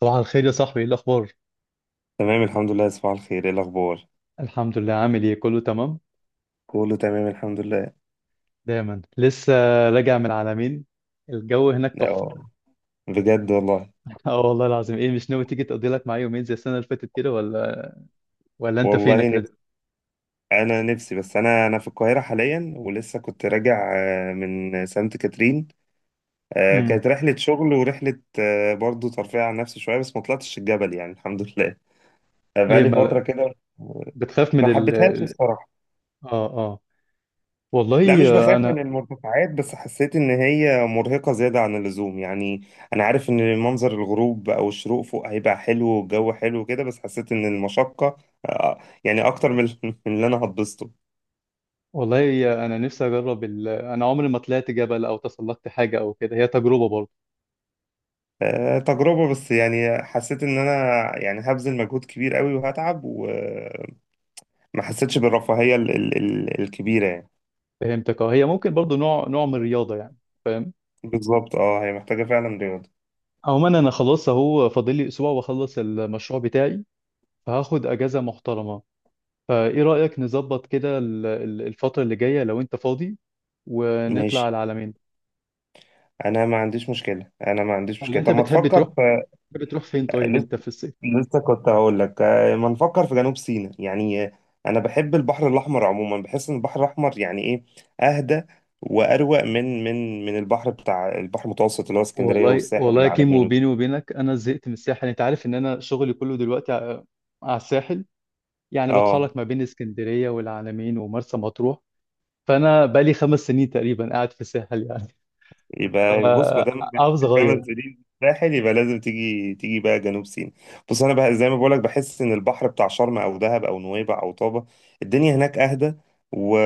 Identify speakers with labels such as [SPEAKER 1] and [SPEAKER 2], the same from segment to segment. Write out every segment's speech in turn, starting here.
[SPEAKER 1] صباح الخير يا صاحبي، ايه الاخبار؟
[SPEAKER 2] تمام الحمد لله، صباح الخير، ايه الاخبار؟
[SPEAKER 1] الحمد لله، عامل ايه؟ كله تمام؟
[SPEAKER 2] كله تمام الحمد لله.
[SPEAKER 1] دايما لسه. راجع من العلمين. الجو هناك تحفه.
[SPEAKER 2] اه، بجد والله.
[SPEAKER 1] اه والله العظيم. ايه، مش ناوي تيجي تقضي لك معايا يومين زي السنه اللي فاتت كده ولا انت فينك
[SPEAKER 2] والله نفسي،
[SPEAKER 1] كده؟
[SPEAKER 2] انا نفسي، بس انا في القاهره حاليا، ولسه كنت راجع من سانت كاترين.
[SPEAKER 1] امم.
[SPEAKER 2] كانت رحله شغل ورحله برضو ترفيه عن نفسي شويه، بس ما طلعتش الجبل يعني، الحمد لله.
[SPEAKER 1] ليه
[SPEAKER 2] بقالي فتره
[SPEAKER 1] ما...
[SPEAKER 2] كده. آه،
[SPEAKER 1] بتخاف من
[SPEAKER 2] ما
[SPEAKER 1] ال...
[SPEAKER 2] حبيتهاش الصراحه.
[SPEAKER 1] اه، اه.
[SPEAKER 2] لا،
[SPEAKER 1] والله
[SPEAKER 2] مش
[SPEAKER 1] آه،
[SPEAKER 2] بخاف
[SPEAKER 1] انا
[SPEAKER 2] من المرتفعات، بس حسيت ان هي مرهقة زيادة عن اللزوم يعني. انا عارف ان منظر الغروب او الشروق فوق هيبقى حلو، والجو حلو كده، بس حسيت ان المشقة يعني اكتر من من اللي انا هتبسطه.
[SPEAKER 1] والله، انا نفسي اجرب ال... انا عمري ما طلعت جبل او تسلقت حاجه او كده، هي تجربه برضه.
[SPEAKER 2] تجربة، بس يعني حسيت ان انا يعني هبذل مجهود كبير قوي وهتعب، وما حسيتش بالرفاهية الكبيرة يعني.
[SPEAKER 1] فهمتك. اه، هي ممكن برضه نوع من الرياضه، يعني فاهم.
[SPEAKER 2] بالظبط اه، هي محتاجة فعلا رياضة.
[SPEAKER 1] عموما انا خلاص اهو، فاضل لي اسبوع واخلص المشروع بتاعي، فهاخد اجازه محترمه. فايه رايك نظبط كده الفتره اللي جايه لو انت فاضي، ونطلع
[SPEAKER 2] ماشي،
[SPEAKER 1] على العلمين؟
[SPEAKER 2] انا ما عنديش مشكلة انا ما عنديش
[SPEAKER 1] ولا
[SPEAKER 2] مشكلة
[SPEAKER 1] انت
[SPEAKER 2] طب ما تفكر.
[SPEAKER 1] بتحب تروح فين طيب
[SPEAKER 2] لسه
[SPEAKER 1] انت في الصيف؟
[SPEAKER 2] لسه كنت هقول لك، ما نفكر في جنوب سيناء يعني. انا بحب البحر الاحمر عموما، بحس ان البحر الاحمر يعني ايه، اهدى واروق من البحر بتاع البحر المتوسط اللي هو اسكندريه
[SPEAKER 1] والله
[SPEAKER 2] والساحل
[SPEAKER 1] والله يا كيمو،
[SPEAKER 2] والعلمين
[SPEAKER 1] بيني
[SPEAKER 2] وكده.
[SPEAKER 1] وبينك، انا زهقت من الساحل. انت عارف ان انا شغلي كله دلوقتي على الساحل، يعني
[SPEAKER 2] اه،
[SPEAKER 1] بتحرك ما بين اسكندريه والعلمين ومرسى مطروح. فانا بقالي 5 سنين تقريبا قاعد في الساحل يعني.
[SPEAKER 2] يبقى بص، ما دام قعدت
[SPEAKER 1] فعاوز اغير.
[SPEAKER 2] 5 سنين في الساحل يبقى لازم تيجي بقى جنوب سيناء. بص انا بقى زي ما بقولك، بحس ان البحر بتاع شرم او دهب او نويبع او طابة، الدنيا هناك اهدى و...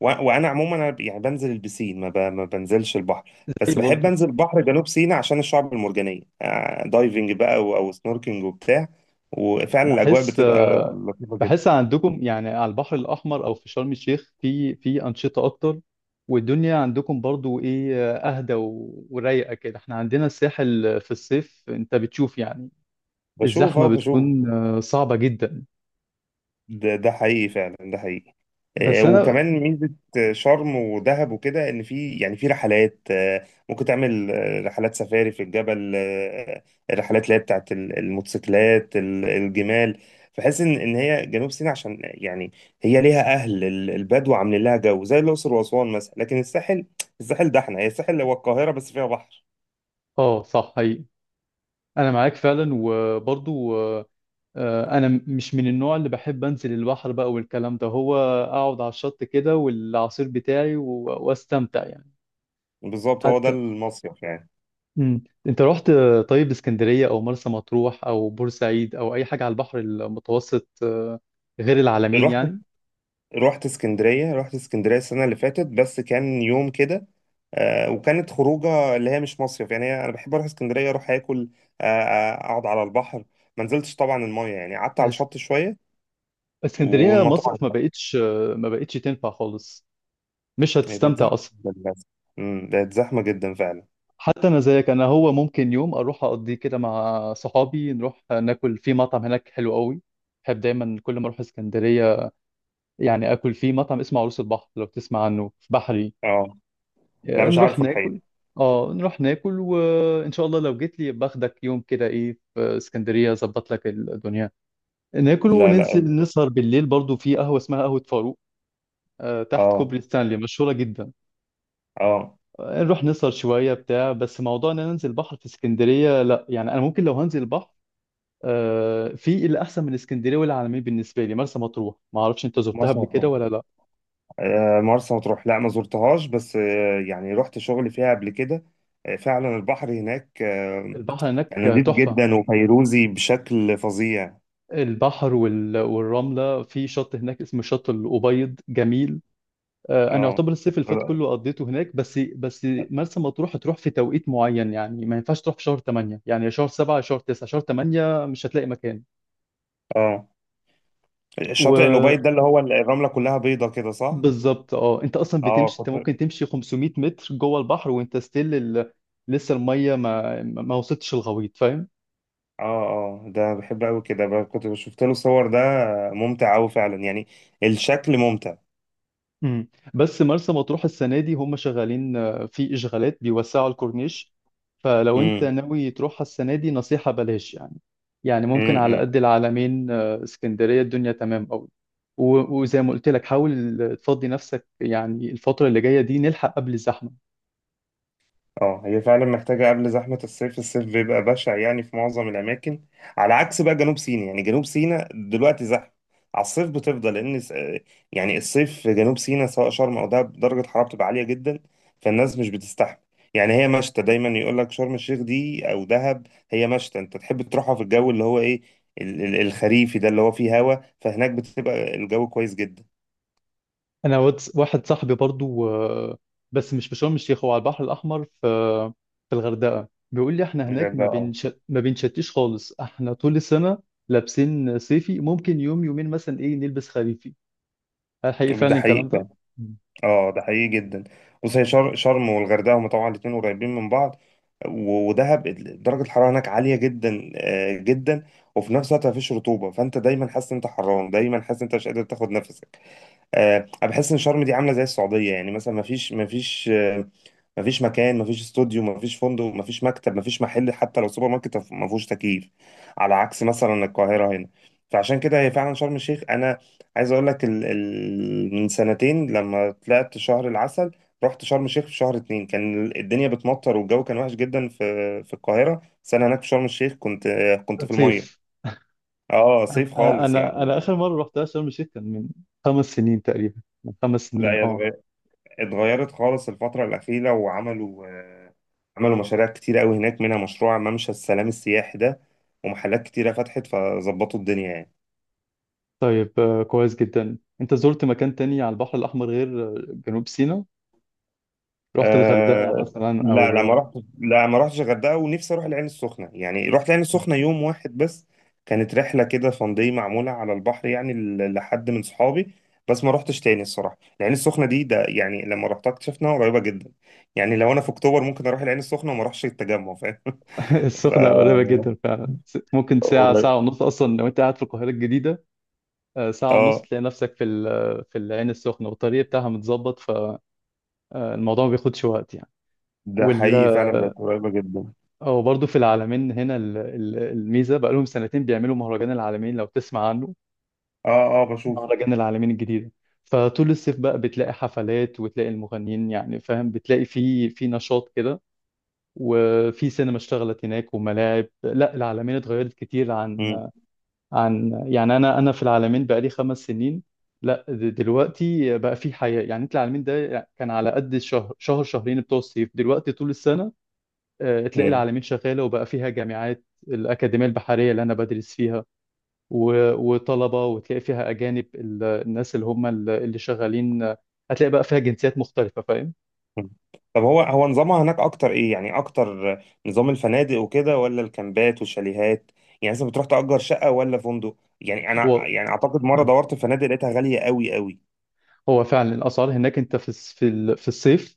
[SPEAKER 2] و... وانا عموما، يعني بنزل البسين، ما بنزلش البحر، بس بحب
[SPEAKER 1] برضه
[SPEAKER 2] انزل بحر جنوب سيناء عشان الشعب المرجانية، دايفنج بقى أو سنوركينج وبتاع. وفعلا الاجواء
[SPEAKER 1] بحس
[SPEAKER 2] بتبقى لطيفة
[SPEAKER 1] بحس
[SPEAKER 2] جدا.
[SPEAKER 1] عندكم يعني على البحر الأحمر أو في شرم الشيخ، في أنشطة أكتر، والدنيا عندكم برضو إيه أهدى ورايقة كده. إحنا عندنا الساحل في الصيف أنت بتشوف يعني
[SPEAKER 2] بشوف،
[SPEAKER 1] الزحمة
[SPEAKER 2] اه، بشوف.
[SPEAKER 1] بتكون صعبة جدا.
[SPEAKER 2] ده حقيقي فعلا، ده حقيقي.
[SPEAKER 1] بس أنا...
[SPEAKER 2] وكمان ميزة شرم ودهب وكده إن في، يعني في رحلات، ممكن تعمل رحلات سفاري في الجبل، الرحلات اللي هي بتاعت الموتوسيكلات، الجمال. فحس إن هي جنوب سيناء عشان يعني هي ليها أهل البدو عاملين لها جو زي الأقصر وأسوان مثلا. لكن الساحل، الساحل ده إحنا، هي الساحل هو القاهرة بس فيها بحر.
[SPEAKER 1] آه صح، حقيقي، أنا معاك فعلا، وبرضو أنا مش من النوع اللي بحب أنزل البحر بقى والكلام ده. هو أقعد على الشط كده والعصير بتاعي وأستمتع يعني.
[SPEAKER 2] بالظبط، هو ده
[SPEAKER 1] حتى...
[SPEAKER 2] المصيف يعني.
[SPEAKER 1] انت رحت، طيب، اسكندرية او مرسى مطروح او بورسعيد او اي حاجة على البحر المتوسط غير العلمين يعني؟
[SPEAKER 2] رحت اسكندرية السنة اللي فاتت، بس كان يوم كده. وكانت خروجة اللي هي مش مصيف يعني. أنا بحب أروح اسكندرية، أروح آكل، أقعد على البحر، ما نزلتش طبعا المية يعني، قعدت على
[SPEAKER 1] الاس-
[SPEAKER 2] الشط شوية.
[SPEAKER 1] اسكندرية
[SPEAKER 2] والمطاعم
[SPEAKER 1] مصيف ما
[SPEAKER 2] بقى
[SPEAKER 1] بقتش، ما بقتش تنفع خالص، مش
[SPEAKER 2] هي بقت زحمة
[SPEAKER 1] هتستمتع اصلا.
[SPEAKER 2] جدا للأسف. بقت زحمة جدا فعلا.
[SPEAKER 1] حتى انا زيك، انا هو ممكن يوم اروح اقضيه كده مع صحابي، نروح ناكل في مطعم هناك حلو قوي. بحب دايما كل ما اروح اسكندرية يعني اكل في مطعم اسمه عروس البحر لو تسمع عنه، في بحري.
[SPEAKER 2] اه. لا، مش
[SPEAKER 1] نروح
[SPEAKER 2] عارفه
[SPEAKER 1] ناكل.
[SPEAKER 2] الحقيقة.
[SPEAKER 1] اه نروح ناكل، وان شاء الله لو جيت لي باخدك يوم كده، ايه، في اسكندريه اظبط لك الدنيا. ناكل
[SPEAKER 2] لا لا.
[SPEAKER 1] وننزل نسهر بالليل برضو في قهوه اسمها قهوه فاروق، تحت
[SPEAKER 2] اه
[SPEAKER 1] كوبري ستانلي، مشهوره جدا.
[SPEAKER 2] اه،
[SPEAKER 1] نروح نسهر شويه بتاع. بس موضوع ان انا انزل بحر في اسكندريه لا يعني، انا ممكن لو هنزل بحر في اللي احسن من اسكندريه والعالمين بالنسبه لي مرسى مطروح. ما اعرفش انت زرتها
[SPEAKER 2] مرسى
[SPEAKER 1] قبل كده
[SPEAKER 2] مطروح.
[SPEAKER 1] ولا لا؟
[SPEAKER 2] مرسى مطروح لا، ما زرتهاش، بس يعني رحت شغلي فيها قبل كده. فعلا البحر هناك
[SPEAKER 1] البحر هناك
[SPEAKER 2] نضيف
[SPEAKER 1] تحفه.
[SPEAKER 2] جدا وفيروزي بشكل فظيع.
[SPEAKER 1] البحر والرمله في شط هناك اسمه شط الابيض، جميل. انا
[SPEAKER 2] اه
[SPEAKER 1] يعتبر الصيف اللي فات كله قضيته هناك. بس مرسى مطروح هتروح في توقيت معين يعني، ما ينفعش تروح في شهر 8 يعني، يا شهر 7 يا شهر 9. شهر 8 مش هتلاقي مكان.
[SPEAKER 2] اه. شاطئ
[SPEAKER 1] وبالظبط.
[SPEAKER 2] الأوبايد ده اللي هو الرملة كلها بيضة كده، صح؟
[SPEAKER 1] اه انت اصلا
[SPEAKER 2] اه،
[SPEAKER 1] بتمشي، انت
[SPEAKER 2] كنت، اه
[SPEAKER 1] ممكن تمشي 500 متر جوه البحر وانت ستيل ال... لسه الميه ما وصلتش الغويط، فاهم.
[SPEAKER 2] اه، ده بحب قوي كده، كنت شفت له صور. ده ممتع قوي فعلا يعني، الشكل ممتع.
[SPEAKER 1] مم. بس مرسى مطروح السنة دي هم شغالين، في إشغالات بيوسعوا الكورنيش. فلو أنت
[SPEAKER 2] امم،
[SPEAKER 1] ناوي تروحها السنة دي نصيحة بلاش يعني ممكن
[SPEAKER 2] إمم،
[SPEAKER 1] على
[SPEAKER 2] إمم.
[SPEAKER 1] قد العلمين، اسكندرية الدنيا تمام أوي. وزي ما قلت لك حاول تفضي نفسك يعني الفترة اللي جاية دي، نلحق قبل الزحمة.
[SPEAKER 2] اه، هي فعلا محتاجة قبل زحمة الصيف. الصيف بيبقى بشع يعني في معظم الأماكن، على عكس بقى جنوب سيناء. يعني جنوب سيناء دلوقتي زحمة على الصيف بتفضل، لأن يعني الصيف في جنوب سيناء سواء شرم أو دهب درجة حرارة بتبقى عالية جدا، فالناس مش بتستحمل. يعني هي مشتى، دايما يقول لك شرم الشيخ دي أو دهب هي مشتى، أنت تحب تروحها في الجو اللي هو إيه، الخريفي ده اللي هو فيه هوا، فهناك بتبقى الجو كويس جدا.
[SPEAKER 1] انا واحد صاحبي برضو، بس مش في شرم الشيخ، هو على البحر الاحمر في الغردقه، بيقول لي احنا هناك
[SPEAKER 2] غير ده اه،
[SPEAKER 1] ما بنشتيش خالص. احنا طول السنه لابسين صيفي، ممكن يوم يومين مثلا ايه نلبس خريفي. هل حقيقي
[SPEAKER 2] ده
[SPEAKER 1] فعلا الكلام ده؟
[SPEAKER 2] حقيقي،
[SPEAKER 1] مم.
[SPEAKER 2] اه، ده حقيقي جدا. بص هي شرم والغردقه هما طبعا الاتنين قريبين من بعض، ودهب درجه الحراره هناك عاليه جدا جدا. وفي نفس الوقت مفيش رطوبه، فانت دايما حاسس ان انت حران، دايما حاسس ان انت مش قادر تاخد نفسك. انا بحس ان شرم دي عامله زي السعوديه، يعني مثلا ما فيش مكان، ما فيش استوديو، ما فيش فندق، ما فيش مكتب، ما فيش محل، حتى لو سوبر ماركت ما فيهوش تكييف، على عكس مثلا القاهره هنا. فعشان كده هي فعلا شرم الشيخ، انا عايز اقول لك من سنتين لما طلعت شهر العسل رحت شرم الشيخ في شهر اتنين، كان الدنيا بتمطر والجو كان وحش جدا في القاهره، بس انا هناك في شرم الشيخ كنت، كنت في
[SPEAKER 1] صيف.
[SPEAKER 2] الميه. اه، صيف
[SPEAKER 1] انا
[SPEAKER 2] خالص
[SPEAKER 1] انا
[SPEAKER 2] يعني.
[SPEAKER 1] انا اخر مره رحتها شرم الشيخ كان من 5 سنين تقريبا، من 5 سنين
[SPEAKER 2] لا،
[SPEAKER 1] اه.
[SPEAKER 2] اتغيرت خالص الفترة الأخيرة، وعملوا، عملوا مشاريع كتيرة قوي هناك، منها مشروع ممشى السلام السياحي ده، ومحلات كتيرة فتحت، فظبطوا الدنيا يعني.
[SPEAKER 1] طيب، كويس جدا. انت زرت مكان تاني على البحر الاحمر غير، جنوب سيناء؟ رحت الغردقه
[SPEAKER 2] أه.
[SPEAKER 1] مثلا
[SPEAKER 2] لا لا، ما
[SPEAKER 1] او...
[SPEAKER 2] رحت. لا، ما رحتش الغردقة، ونفسي أروح العين السخنة. يعني رحت العين السخنة يوم واحد بس، كانت رحلة كده فن داي معمولة على البحر، يعني لحد من صحابي. بس ما رحتش تاني الصراحة. العين السخنة دي ده يعني لما رحتها اكتشفنا قريبة جدا. يعني لو أنا في أكتوبر ممكن أروح العين السخنة وما أروحش التجمع، فاهم؟ ف
[SPEAKER 1] السخنة قريبة جدا فعلا، ممكن ساعة،
[SPEAKER 2] قريب.
[SPEAKER 1] ساعة ونص أصلا لو أنت قاعد في القاهرة الجديدة. ساعة ونص
[SPEAKER 2] اه،
[SPEAKER 1] تلاقي نفسك في العين السخنة، والطريق بتاعها متظبط، فالموضوع ما بياخدش وقت يعني.
[SPEAKER 2] ده
[SPEAKER 1] وال...
[SPEAKER 2] حقيقي فعلا بقت قريبة جدا.
[SPEAKER 1] أو برضه في العالمين هنا الميزة بقالهم سنتين بيعملوا مهرجان العالمين، لو تسمع عنه،
[SPEAKER 2] اه اه، بشوفه.
[SPEAKER 1] مهرجان العالمين الجديدة. فطول الصيف بقى بتلاقي حفلات وتلاقي المغنيين، يعني فاهم، بتلاقي في في نشاط كده، وفي سينما اشتغلت هناك وملاعب. لا العالمين اتغيرت كتير
[SPEAKER 2] مم.
[SPEAKER 1] عن... يعني انا في العالمين بقالي 5 سنين. لا. دلوقتي بقى في حياة، يعني انت العالمين ده كان على قد الشهر، شهر شهرين بتوع الصيف، دلوقتي طول السنة تلاقي
[SPEAKER 2] مم.
[SPEAKER 1] العالمين شغالة، وبقى فيها جامعات، الأكاديمية البحرية اللي أنا بدرس فيها وطلبة، وتلاقي فيها أجانب. الناس اللي هم اللي شغالين، هتلاقي بقى فيها جنسيات مختلفة، فاهم.
[SPEAKER 2] مم. طب هو نظامها هناك اكتر ايه؟ يعني اكتر نظام الفنادق وكده ولا الكامبات والشاليهات، يعني مثلا بتروح تأجر شقة ولا فندق؟ يعني انا
[SPEAKER 1] هو
[SPEAKER 2] يعني اعتقد مرة دورت في فنادق لقيتها غالية قوي قوي.
[SPEAKER 1] هو فعلا الأسعار هناك، أنت في الصيف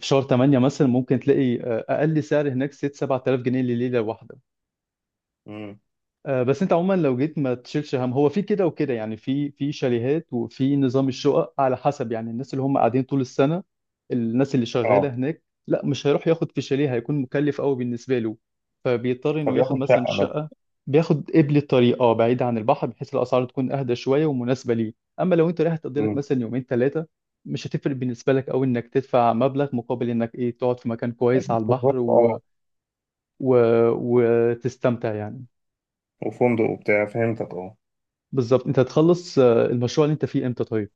[SPEAKER 1] في شهر 8 مثلا ممكن تلاقي، أقل سعر هناك 6 7000 جنيه لليلة.
[SPEAKER 2] مم.
[SPEAKER 1] بس انت عموما لو جيت ما تشيلش هم، هو في كده وكده يعني، في شاليهات وفي نظام الشقق على حسب، يعني الناس اللي هم قاعدين طول السنة. الناس اللي
[SPEAKER 2] اه،
[SPEAKER 1] شغالة هناك لا مش هيروح ياخد في شاليه، هيكون مكلف قوي بالنسبة له، فبيضطر انه ياخد
[SPEAKER 2] فبياخد
[SPEAKER 1] مثلا
[SPEAKER 2] شقة بس.
[SPEAKER 1] شقة. بياخد قبل الطريق اه، بعيد عن البحر، بحيث الاسعار تكون اهدى شوية ومناسبة ليه. اما لو انت رايح تقضي لك
[SPEAKER 2] مم.
[SPEAKER 1] مثلا يومين ثلاثة، مش هتفرق بالنسبة لك قوي انك تدفع مبلغ مقابل انك ايه تقعد في مكان كويس على البحر
[SPEAKER 2] بالظبط اه.
[SPEAKER 1] و... وتستمتع يعني.
[SPEAKER 2] وفندق وبتاع فهمتك، اه.
[SPEAKER 1] بالظبط. انت هتخلص، المشروع اللي انت فيه امتى طيب؟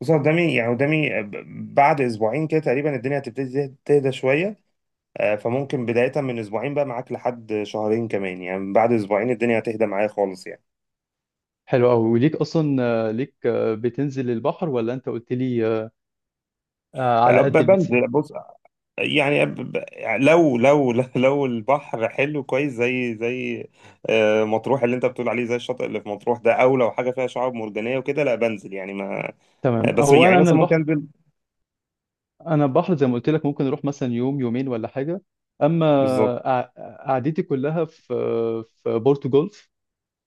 [SPEAKER 2] بص قدامي، يعني قدامي بعد اسبوعين كده تقريبا الدنيا هتبتدي تهدى شوية. فممكن بداية من أسبوعين بقى معاك لحد شهرين كمان، يعني من بعد أسبوعين الدنيا هتهدى معايا خالص يعني.
[SPEAKER 1] حلو قوي. وليك اصلا، ليك، بتنزل البحر ولا انت قلت لي، على قد البسين؟
[SPEAKER 2] بنزل بص، يعني لو لو لو البحر حلو كويس زي مطروح اللي أنت بتقول عليه، زي الشاطئ اللي في مطروح ده، أو لو حاجة فيها شعاب مرجانية وكده لا بنزل، يعني ما،
[SPEAKER 1] تمام.
[SPEAKER 2] بس
[SPEAKER 1] هو
[SPEAKER 2] يعني
[SPEAKER 1] انا
[SPEAKER 2] مثلا ممكن
[SPEAKER 1] البحر،
[SPEAKER 2] أنزل.
[SPEAKER 1] انا البحر زي ما قلت لك ممكن اروح مثلا يوم يومين ولا حاجه. اما
[SPEAKER 2] بالظبط،
[SPEAKER 1] قعدتي كلها في بورتو جولف،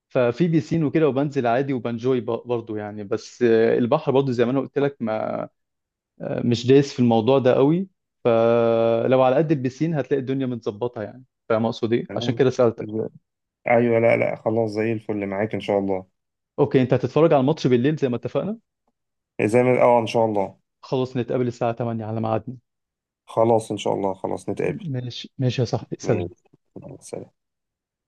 [SPEAKER 1] ففي بيسين وكده وبنزل عادي وبنجوي برضه يعني. بس البحر برضه زي ما انا قلت لك، ما مش دايس في الموضوع ده قوي. لو على قد البسين هتلاقي الدنيا متظبطه يعني، فاهم اقصد ايه، عشان
[SPEAKER 2] تمام.
[SPEAKER 1] كده سالتك.
[SPEAKER 2] أيوه، لا لا خلاص، زي الفل معاك إن شاء الله.
[SPEAKER 1] اوكي، انت هتتفرج على الماتش بالليل زي ما اتفقنا؟
[SPEAKER 2] زي ما، أه، إن شاء الله.
[SPEAKER 1] خلاص نتقابل الساعة 8 على ميعادنا.
[SPEAKER 2] خلاص إن شاء الله، خلاص نتقابل.
[SPEAKER 1] ماشي ماشي يا صاحبي،
[SPEAKER 2] ماشي،
[SPEAKER 1] سلام.
[SPEAKER 2] سلام.